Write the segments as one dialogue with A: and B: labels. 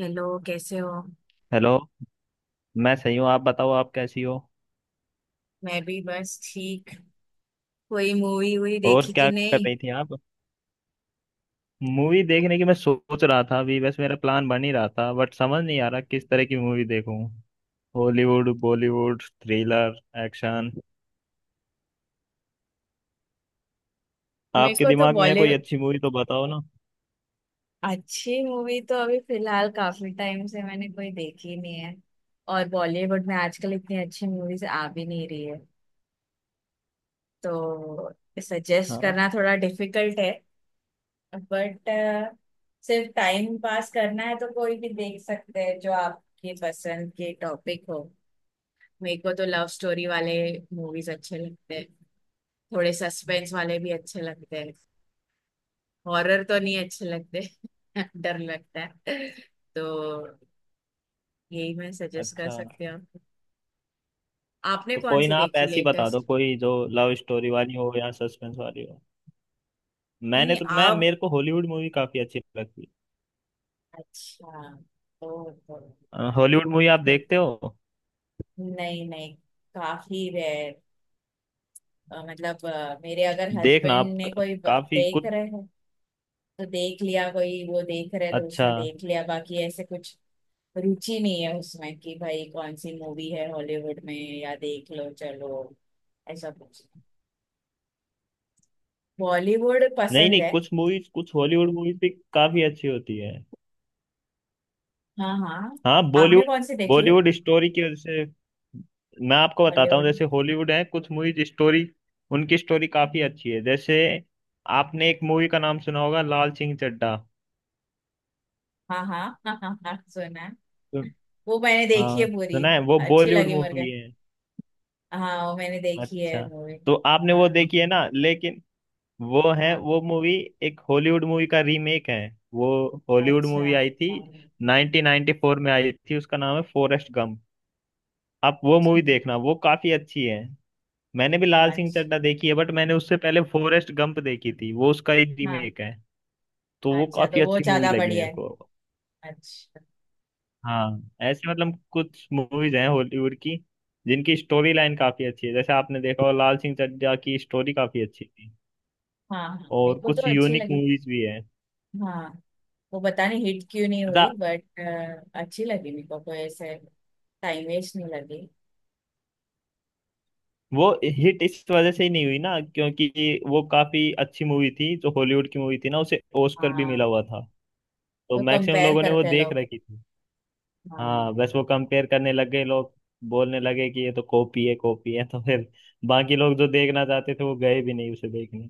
A: Hello, कैसे हो।
B: Hello. मैं सही हूँ, आप बताओ, आप कैसी हो?
A: मैं भी बस ठीक। कोई मूवी वूवी
B: और
A: देखी कि
B: क्या कर
A: नहीं?
B: रही थी आप? मूवी देखने की मैं सोच रहा था, अभी बस मेरा प्लान बन ही रहा था, बट समझ नहीं आ रहा किस तरह की मूवी देखूं। हॉलीवुड, बॉलीवुड, थ्रिलर, एक्शन,
A: मेरे
B: आपके
A: को तो
B: दिमाग में है कोई
A: बॉलीवुड।
B: अच्छी मूवी तो बताओ ना।
A: अच्छी मूवी तो अभी फिलहाल काफी टाइम से मैंने कोई देखी नहीं है। और बॉलीवुड में आजकल इतनी अच्छी मूवीज आ भी नहीं रही है, तो सजेस्ट
B: हाँ।
A: करना थोड़ा डिफिकल्ट है। बट सिर्फ टाइम पास करना है तो कोई भी देख सकते हैं जो आपके पसंद के टॉपिक हो। मेरे को तो लव स्टोरी वाले मूवीज अच्छे लगते हैं। थोड़े सस्पेंस वाले भी अच्छे लगते हैं। हॉरर तो नहीं अच्छे लगते। डर लगता है। तो यही मैं सजेस्ट कर
B: अच्छा
A: सकती हूँ। आपने
B: तो
A: कौन
B: कोई
A: सी
B: ना, आप
A: देखी
B: ऐसी बता दो
A: लेटेस्ट?
B: कोई जो लव स्टोरी वाली हो या सस्पेंस वाली हो।
A: नहीं
B: मैंने
A: नहीं,
B: तो मैं
A: आप।
B: मेरे को हॉलीवुड मूवी काफी अच्छी लगती
A: अच्छा, तो
B: है। हॉलीवुड मूवी आप
A: फिर-
B: देखते हो?
A: नहीं नहीं, काफी रेयर। मतलब मेरे अगर
B: देखना
A: हस्बैंड
B: आप
A: ने कोई
B: काफी
A: देख
B: कुछ।
A: रहे हैं तो देख लिया, कोई वो देख रहे हैं तो
B: अच्छा।
A: उसमें देख लिया, बाकी ऐसे कुछ रुचि नहीं है उसमें कि भाई कौन सी मूवी है हॉलीवुड में। या देख लो चलो, ऐसा कुछ। बॉलीवुड
B: नहीं
A: पसंद
B: नहीं,
A: है।
B: कुछ मूवीज, कुछ हॉलीवुड मूवीज भी काफी अच्छी होती है।
A: हाँ हाँ।
B: हाँ।
A: आपने
B: बॉलीवुड।
A: कौन सी देखी?
B: बॉलीवुड स्टोरी की वजह से मैं आपको बताता हूँ,
A: बॉलीवुड।
B: जैसे हॉलीवुड है कुछ मूवीज स्टोरी, उनकी स्टोरी काफी अच्छी है। जैसे आपने एक मूवी का नाम सुना होगा, लाल सिंह चड्ढा।
A: हाँ हाँ। हाँ हाँ हाँ, सुना है।
B: तो-
A: वो मैंने देखी है
B: हाँ
A: पूरी।
B: सुना है, वो
A: अच्छी
B: बॉलीवुड
A: लगी मुझे।
B: मूवी है।
A: हाँ, वो मैंने देखी है
B: अच्छा
A: मूवी।
B: तो आपने वो
A: हाँ
B: देखी है ना, लेकिन वो है
A: हाँ।
B: वो मूवी एक हॉलीवुड मूवी का रीमेक है। वो हॉलीवुड
A: अच्छा।
B: मूवी आई थी,
A: अच्छा।
B: 1994 में आई थी, उसका नाम है फॉरेस्ट गंप। आप वो मूवी देखना, वो काफी अच्छी है। मैंने भी लाल सिंह
A: अच्छा,
B: चड्ढा देखी है, बट मैंने उससे पहले फॉरेस्ट गंप देखी थी, वो उसका एक
A: हाँ।
B: रीमेक है। तो वो
A: अच्छा
B: काफी
A: तो वो
B: अच्छी मूवी
A: ज्यादा
B: लगी
A: बढ़िया
B: मेरे
A: है।
B: को।
A: अच्छा।
B: हाँ, ऐसे मतलब कुछ मूवीज हैं हॉलीवुड की जिनकी स्टोरी लाइन काफी अच्छी है, जैसे आपने देखा हो लाल सिंह चड्ढा की स्टोरी काफी अच्छी थी।
A: हाँ हाँ, मेरे
B: और
A: को
B: कुछ
A: तो अच्छी
B: यूनिक
A: लगी।
B: मूवीज भी है।
A: हाँ। वो पता नहीं हिट क्यों नहीं
B: अच्छा।
A: हुई, बट अच्छी लगी मेरे को। कोई ऐसे टाइम वेस्ट नहीं लगी।
B: वो हिट इस वजह से ही नहीं हुई ना, क्योंकि वो काफी अच्छी मूवी थी जो हॉलीवुड की मूवी थी ना, उसे ऑस्कर भी मिला
A: हाँ,
B: हुआ था। तो
A: वो
B: मैक्सिमम
A: कंपेयर
B: लोगों ने वो
A: करते हैं
B: देख
A: लोग।
B: रखी थी।
A: हाँ।
B: हाँ बस वो कंपेयर करने लग गए लोग, बोलने लगे कि ये तो कॉपी है कॉपी है, तो फिर बाकी लोग जो देखना चाहते थे वो गए भी नहीं उसे देखने।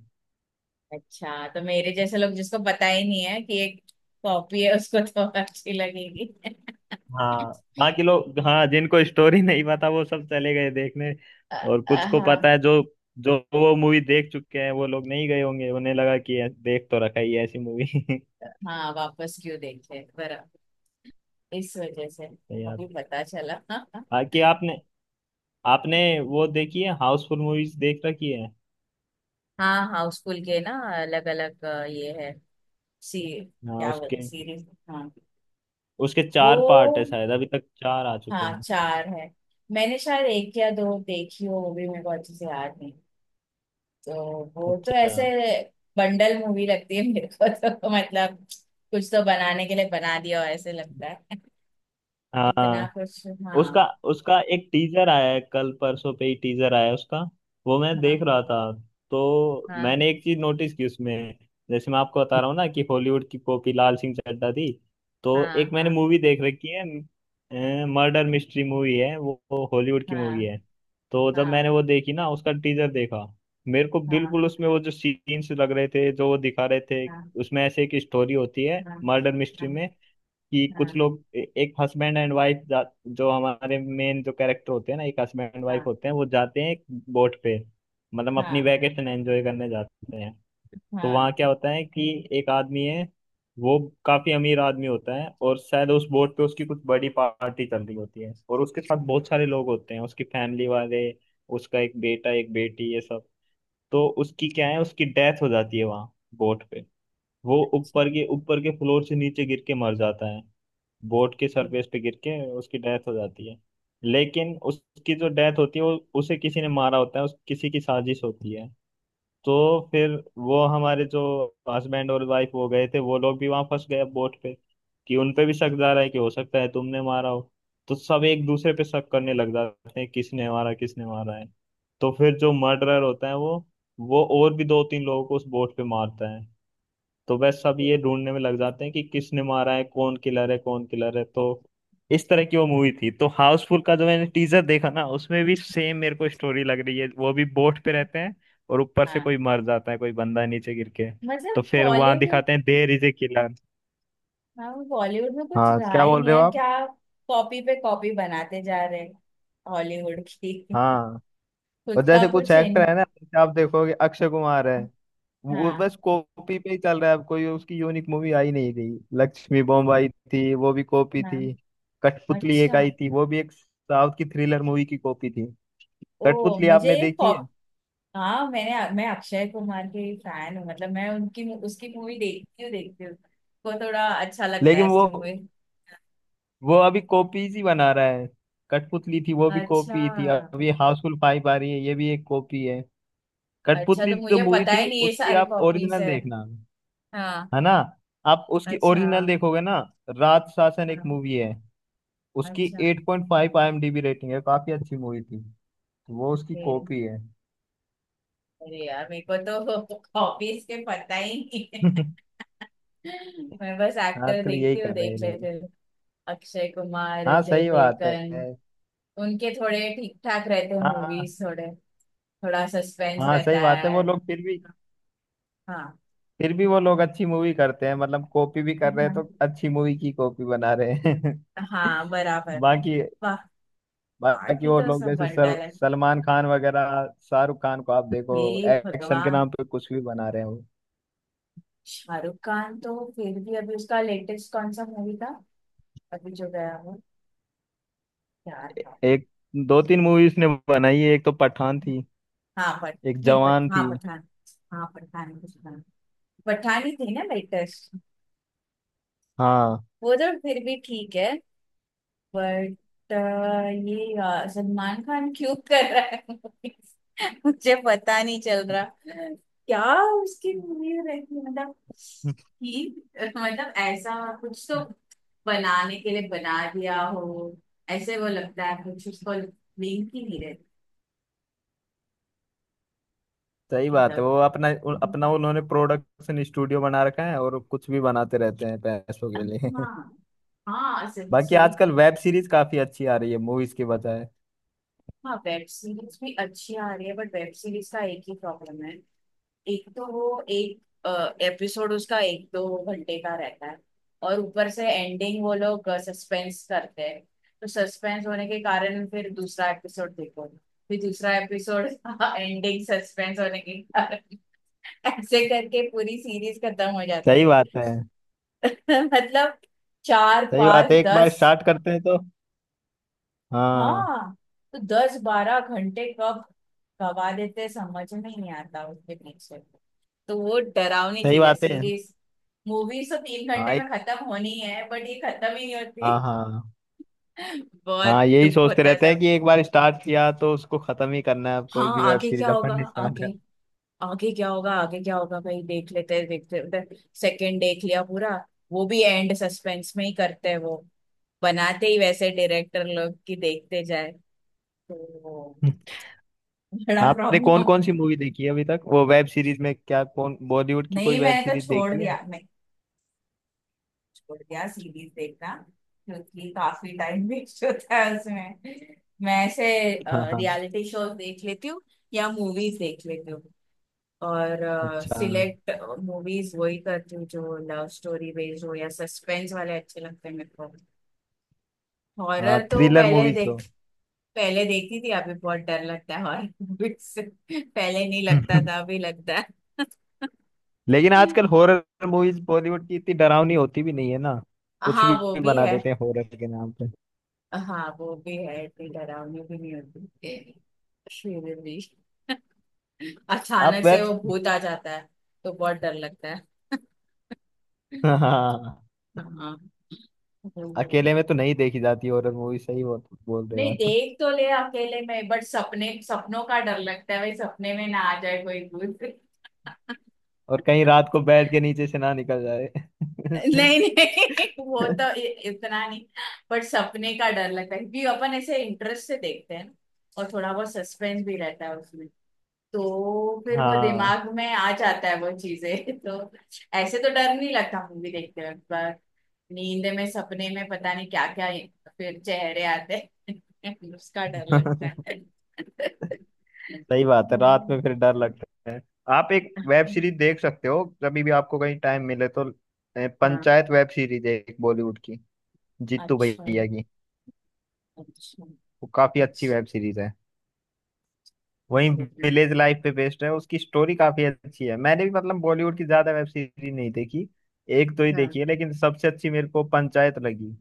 A: अच्छा, तो मेरे जैसे लोग जिसको पता ही नहीं है कि एक कॉपी है उसको तो अच्छी लगेगी।
B: हाँ बाकी लोग, हाँ जिनको स्टोरी नहीं पता वो सब चले गए देखने, और कुछ को
A: हाँ,
B: पता है जो जो वो मूवी देख चुके हैं वो लोग नहीं गए होंगे, उन्हें लगा कि देख तो रखा ही है ऐसी मूवी।
A: हाँ वापस क्यों देखे, बराबर। इस वजह से।
B: नहीं यार।
A: अभी पता चला।
B: बाकी आपने आपने वो देखी है, हाउसफुल मूवीज देख रखी है?
A: हाँ, हाउस स्कूल के ना। अलग अलग। ये है। सी
B: हाँ
A: क्या
B: उसके
A: बोलते? सीरीज, हाँ।
B: उसके
A: वो।
B: चार पार्ट है शायद, अभी तक चार आ चुके
A: हाँ,
B: हैं।
A: चार है। मैंने शायद एक या दो देखी हो, वो भी मेरे को अच्छे से याद नहीं। तो वो तो
B: अच्छा।
A: ऐसे बंडल मूवी लगती है मेरे को तो। मतलब कुछ तो बनाने के लिए बना दिया हो ऐसे लगता है। इतना
B: हाँ
A: कुछ। हाँ।
B: उसका उसका एक टीजर आया है, कल परसों पे ही टीजर आया है उसका, वो मैं
A: हाँ।
B: देख रहा था। तो
A: हाँ।
B: मैंने एक चीज नोटिस की उसमें, जैसे मैं आपको बता रहा हूँ ना कि हॉलीवुड की कॉपी लाल सिंह चड्ढा थी, तो
A: हाँ।
B: एक मैंने
A: हाँ।
B: मूवी देख रखी है मर्डर मिस्ट्री मूवी है, वो हॉलीवुड की
A: हाँ।
B: मूवी है। तो जब
A: हाँ।
B: मैंने वो देखी ना उसका टीजर देखा, मेरे को
A: हाँ।
B: बिल्कुल उसमें वो जो सीन्स लग रहे थे जो वो दिखा रहे थे, उसमें ऐसे एक स्टोरी होती है
A: हाँ।
B: मर्डर मिस्ट्री
A: हाँ।
B: में, कि
A: हाँ।
B: कुछ
A: हाँ।
B: लोग एक हस्बैंड एंड वाइफ, जो हमारे मेन जो कैरेक्टर होते हैं ना एक हस्बैंड एंड वाइफ
A: हाँ।
B: होते हैं, वो जाते हैं एक बोट पे, मतलब अपनी
A: हाँ।
B: वैकेशन एंजॉय करने जाते हैं। तो
A: हाँ।
B: वहाँ क्या होता है कि एक आदमी है, वो काफी अमीर आदमी होता है, और शायद उस बोट पे उसकी कुछ बड़ी पार्टी चल रही होती है, और उसके साथ बहुत सारे लोग होते हैं उसकी फैमिली वाले, उसका एक बेटा एक बेटी ये सब। तो उसकी क्या है, उसकी डेथ हो जाती है वहाँ बोट पे, वो
A: अच्छा,
B: ऊपर के फ्लोर से नीचे गिर के मर जाता है, बोट की सरफेस पे गिर के उसकी डेथ हो जाती है। लेकिन उसकी जो डेथ होती है वो उसे किसी ने मारा होता है, उस किसी की साजिश होती है। तो फिर वो हमारे जो हस्बैंड और वाइफ वो गए थे वो लोग भी वहां फंस गए बोट पे, कि उन पे भी शक जा रहा है कि हो सकता है तुमने मारा हो। तो सब एक दूसरे पे शक करने लग जाते हैं, किसने मारा है। तो फिर जो मर्डरर होता है वो और भी दो तीन लोगों को उस बोट पे मारता है। तो बस सब ये ढूंढने में लग जाते हैं कि किसने मारा है, कौन किलर है कौन किलर है। तो इस तरह की वो मूवी थी। तो हाउसफुल का जो मैंने टीजर देखा ना, उसमें भी सेम मेरे को स्टोरी लग रही है, वो भी बोट पे रहते हैं और ऊपर से
A: हाँ।
B: कोई मर जाता है, कोई बंदा नीचे गिर के,
A: मतलब
B: तो फिर वहां
A: बॉलीवुड।
B: दिखाते हैं देयर इज ए किलर।
A: हाँ, बॉलीवुड में कुछ
B: हाँ
A: रहा
B: क्या
A: ही
B: बोल
A: नहीं
B: रहे हो
A: है क्या?
B: आप?
A: कॉपी पे कॉपी बनाते जा रहे हैं हॉलीवुड की।
B: हाँ।
A: खुद
B: और
A: का
B: जैसे कुछ
A: कुछ इन।
B: एक्टर है ना, जैसे आप देखोगे अक्षय कुमार है, वो
A: हाँ
B: बस कॉपी पे ही चल रहा है, अब कोई उसकी यूनिक मूवी आई नहीं, रही लक्ष्मी बॉम्ब आई थी वो भी कॉपी
A: हाँ।
B: थी, कठपुतली एक
A: अच्छा।
B: आई थी वो भी एक साउथ की थ्रिलर मूवी की कॉपी थी।
A: ओ,
B: कठपुतली
A: मुझे
B: आपने
A: ये
B: देखी है?
A: कॉप हाँ, मैं अक्षय कुमार के फैन हूँ, मतलब मैं उनकी उसकी मूवी देखती हूँ को थोड़ा अच्छा लगता है,
B: लेकिन वो
A: उसकी मूवी।
B: वो अभी कॉपीज ही बना रहा है, कठपुतली थी वो भी
A: अच्छा।
B: कॉपी थी, अभी हाउसफुल फाइव आ रही है ये भी एक कॉपी है।
A: अच्छा,
B: कठपुतली
A: तो
B: जो
A: मुझे
B: मूवी
A: पता ही
B: थी
A: नहीं ये
B: उसकी
A: सारे
B: आप
A: कॉपीज
B: ओरिजिनल
A: है।
B: देखना,
A: हाँ।
B: है ना, आप उसकी
A: अच्छा।
B: ओरिजिनल देखोगे ना, रात शासन एक
A: हाँ।
B: मूवी है, उसकी
A: अच्छा।
B: 8.5 आईएमडीबी रेटिंग है, काफी अच्छी मूवी थी, तो वो उसकी
A: ये-
B: कॉपी है।
A: अरे यार, मेरे को तो कॉपीज के पता ही नहीं है। मैं बस एक्टर
B: आजकल यही
A: देखती हूँ,
B: कर रहे
A: देख
B: हैं लोग।
A: लेते हूँ। अक्षय कुमार,
B: हाँ
A: अजय
B: सही बात
A: देवगन।
B: है।
A: उनके थोड़े ठीक ठाक रहते हैं
B: हाँ
A: मूवीज, थोड़े थोड़ा सस्पेंस
B: हाँ
A: रहता
B: सही बात है, वो
A: है।
B: लोग फिर भी
A: हाँ
B: फिर भी वो लोग अच्छी मूवी करते हैं, मतलब कॉपी भी कर रहे हैं
A: हाँ।
B: तो अच्छी मूवी की कॉपी बना रहे हैं।
A: हाँ, बराबर।
B: बाकी
A: वाह।
B: बाकी
A: बाकी
B: वो
A: तो
B: लोग
A: सब
B: जैसे सर,
A: बंडल है।
B: सलमान खान वगैरह शाहरुख खान को आप देखो,
A: हे
B: एक्शन के
A: भगवान।
B: नाम पे कुछ भी बना रहे हैं।
A: शाहरुख खान तो फिर भी, अभी उसका लेटेस्ट कौन सा मूवी था? अभी जो गया वो, क्या था?
B: एक दो तीन मूवीज ने बनाई है, एक तो पठान थी,
A: हाँ पठ
B: एक
A: नहीं, पठ
B: जवान
A: हाँ
B: थी।
A: पठान। हाँ पठान कुछ था। पठान ही थी ना लेटेस्ट?
B: हाँ।
A: वो तो फिर भी ठीक है। बट ये सलमान खान क्यों कर रहा है, मुझे पता नहीं चल रहा। क्या उसकी मूवी रहती है? मतलब कि मतलब ऐसा कुछ, तो बनाने के लिए बना दिया हो ऐसे वो लगता है, कुछ उसको लिंक ही नहीं रहती।
B: सही बात है।
A: मतलब
B: वो अपना उन्होंने प्रोडक्शन स्टूडियो बना रखा है और कुछ भी बनाते रहते हैं पैसों के लिए।
A: हाँ, हाँ
B: बाकी आजकल
A: सच्ची।
B: वेब सीरीज काफी अच्छी आ रही है मूवीज के बजाय।
A: हाँ, वेब सीरीज भी अच्छी आ रही है, बट वेब सीरीज का एक ही प्रॉब्लम है। एक तो वो एक एपिसोड उसका 1-2 घंटे का रहता है। और ऊपर से एंडिंग वो लोग सस्पेंस करते हैं, तो सस्पेंस होने के कारण फिर दूसरा एपिसोड देखो, फिर दूसरा एपिसोड एंडिंग सस्पेंस होने के कारण ऐसे करके पूरी सीरीज खत्म हो जाती
B: सही
A: है।
B: बात है।
A: मतलब चार
B: सही बात है,
A: पांच
B: एक बार
A: दस,
B: स्टार्ट करते हैं तो। हाँ।
A: हाँ, तो 10-12 घंटे कब गवा देते समझ में नहीं आता उसके पीछे। तो वो डरावनी
B: सही
A: चीज है,
B: बात है।
A: सीरीज। मूवीज तो तीन
B: हाँ
A: घंटे में
B: एक-
A: खत्म होनी है, बट ये खत्म ही नहीं होती।
B: हाँ हाँ।
A: बहुत
B: हाँ यही
A: दुख
B: सोचते
A: होता है
B: रहते
A: सब।
B: हैं कि एक बार स्टार्ट किया तो उसको खत्म ही करना है, अब कोई
A: हाँ,
B: भी वेब
A: आगे क्या
B: सीरीज
A: होगा,
B: अपन ने
A: आगे
B: स्टार्ट
A: आगे क्या होगा, आगे क्या होगा, भाई देख लेते हैं देखते हैं। सेकंड देख लिया पूरा, वो भी एंड सस्पेंस में ही करते हैं वो, बनाते ही वैसे डायरेक्टर लोग कि देखते जाए। तो वो
B: कर
A: बड़ा
B: आपने
A: प्रॉब्लम।
B: कौन कौन सी मूवी देखी है अभी तक वो, वेब सीरीज में क्या, कौन बॉलीवुड की कोई
A: नहीं,
B: वेब
A: मैंने तो
B: सीरीज
A: छोड़
B: देखी है?
A: दिया, मैं छोड़ दिया सीरीज देखना, क्योंकि काफी टाइम वेस्ट होता है उसमें। मैं ऐसे
B: हाँ हाँ।
A: रियलिटी शोज देख लेती हूँ या मूवीज देख लेती हूँ, और
B: अच्छा।
A: सिलेक्ट मूवीज वही करती हूँ जो लव स्टोरी बेस्ड हो या सस्पेंस वाले अच्छे लगते हैं मेरे को।
B: हाँ
A: हॉरर तो
B: थ्रिलर
A: पहले
B: मूवीज तो।
A: देख, पहले देखती थी, अभी बहुत डर लगता है हॉरर मूवीज से। पहले नहीं लगता था, अभी लगता है।
B: लेकिन आजकल हॉरर मूवीज बॉलीवुड की इतनी डरावनी होती भी नहीं है ना, कुछ
A: हाँ वो
B: भी
A: भी
B: बना
A: है।
B: देते हैं हॉरर के नाम पे।
A: हाँ वो भी है, इतनी डरावनी भी नहीं होती, फिर भी
B: आप
A: अचानक से
B: वेब
A: वो भूत आ जाता है तो बहुत डर लगता है।
B: हाँ हाँ, हाँ।
A: हाँ। वो-
B: अकेले में तो नहीं देखी जाती हॉरर मूवी, सही बोल बोल रहे हो
A: नहीं,
B: आप?
A: देख तो ले अकेले में, बट सपने सपनों का डर लगता है भाई, सपने में ना आ जाए कोई भूत।
B: और कहीं रात को बेड के नीचे से ना निकल जाए।
A: नहीं नहीं, वो तो इतना नहीं। बट सपने का डर लगता है क्योंकि अपन ऐसे इंटरेस्ट से देखते हैं ना, और थोड़ा बहुत सस्पेंस भी रहता है उसमें, तो फिर वो
B: हाँ।
A: दिमाग में आ जाता है, वो चीजें तो ऐसे तो डर नहीं लगता मूवी देखते वक्त पर। नींद में सपने में पता नहीं क्या क्या फिर चेहरे आते हैं, उसका डर लगता है।
B: सही बात है, रात
A: हम्म।
B: में फिर डर लगता है। आप एक वेब सीरीज देख सकते हो कभी भी, आपको कहीं टाइम मिले तो
A: हाँ।
B: पंचायत वेब सीरीज है एक बॉलीवुड की, जीतू
A: अच्छा।
B: भैया की,
A: अच्छा।
B: वो काफी अच्छी वेब
A: अच्छा।
B: सीरीज है। वहीं विलेज लाइफ पे बेस्ड है, उसकी स्टोरी काफी अच्छी है। मैंने भी मतलब बॉलीवुड की ज्यादा वेब सीरीज नहीं देखी, एक दो ही देखी
A: हाँ।
B: है, लेकिन सबसे अच्छी मेरे को पंचायत लगी।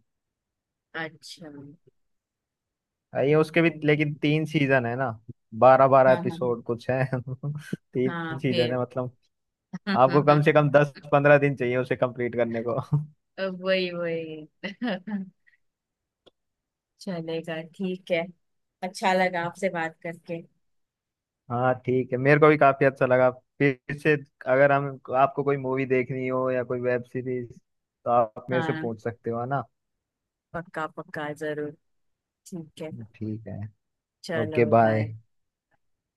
A: अच्छा।
B: ये उसके भी लेकिन तीन सीजन है ना, बारह बारह
A: हाँ हाँ।
B: एपिसोड कुछ है।
A: हाँ,
B: तीन सीजन
A: फिर
B: है मतलब आपको कम से कम 10-15 दिन चाहिए उसे कंप्लीट करने को।
A: वही वही। चलेगा, ठीक है। अच्छा लगा आपसे बात करके।
B: हाँ ठीक है, मेरे को भी काफी अच्छा लगा। फिर से अगर हम, आपको कोई मूवी देखनी हो या कोई वेब सीरीज, तो आप मेरे से
A: हाँ,
B: पूछ सकते हो है ना।
A: पक्का पक्का जरूर। ठीक है।
B: ठीक है।
A: चलो,
B: ओके बाय।
A: बाय।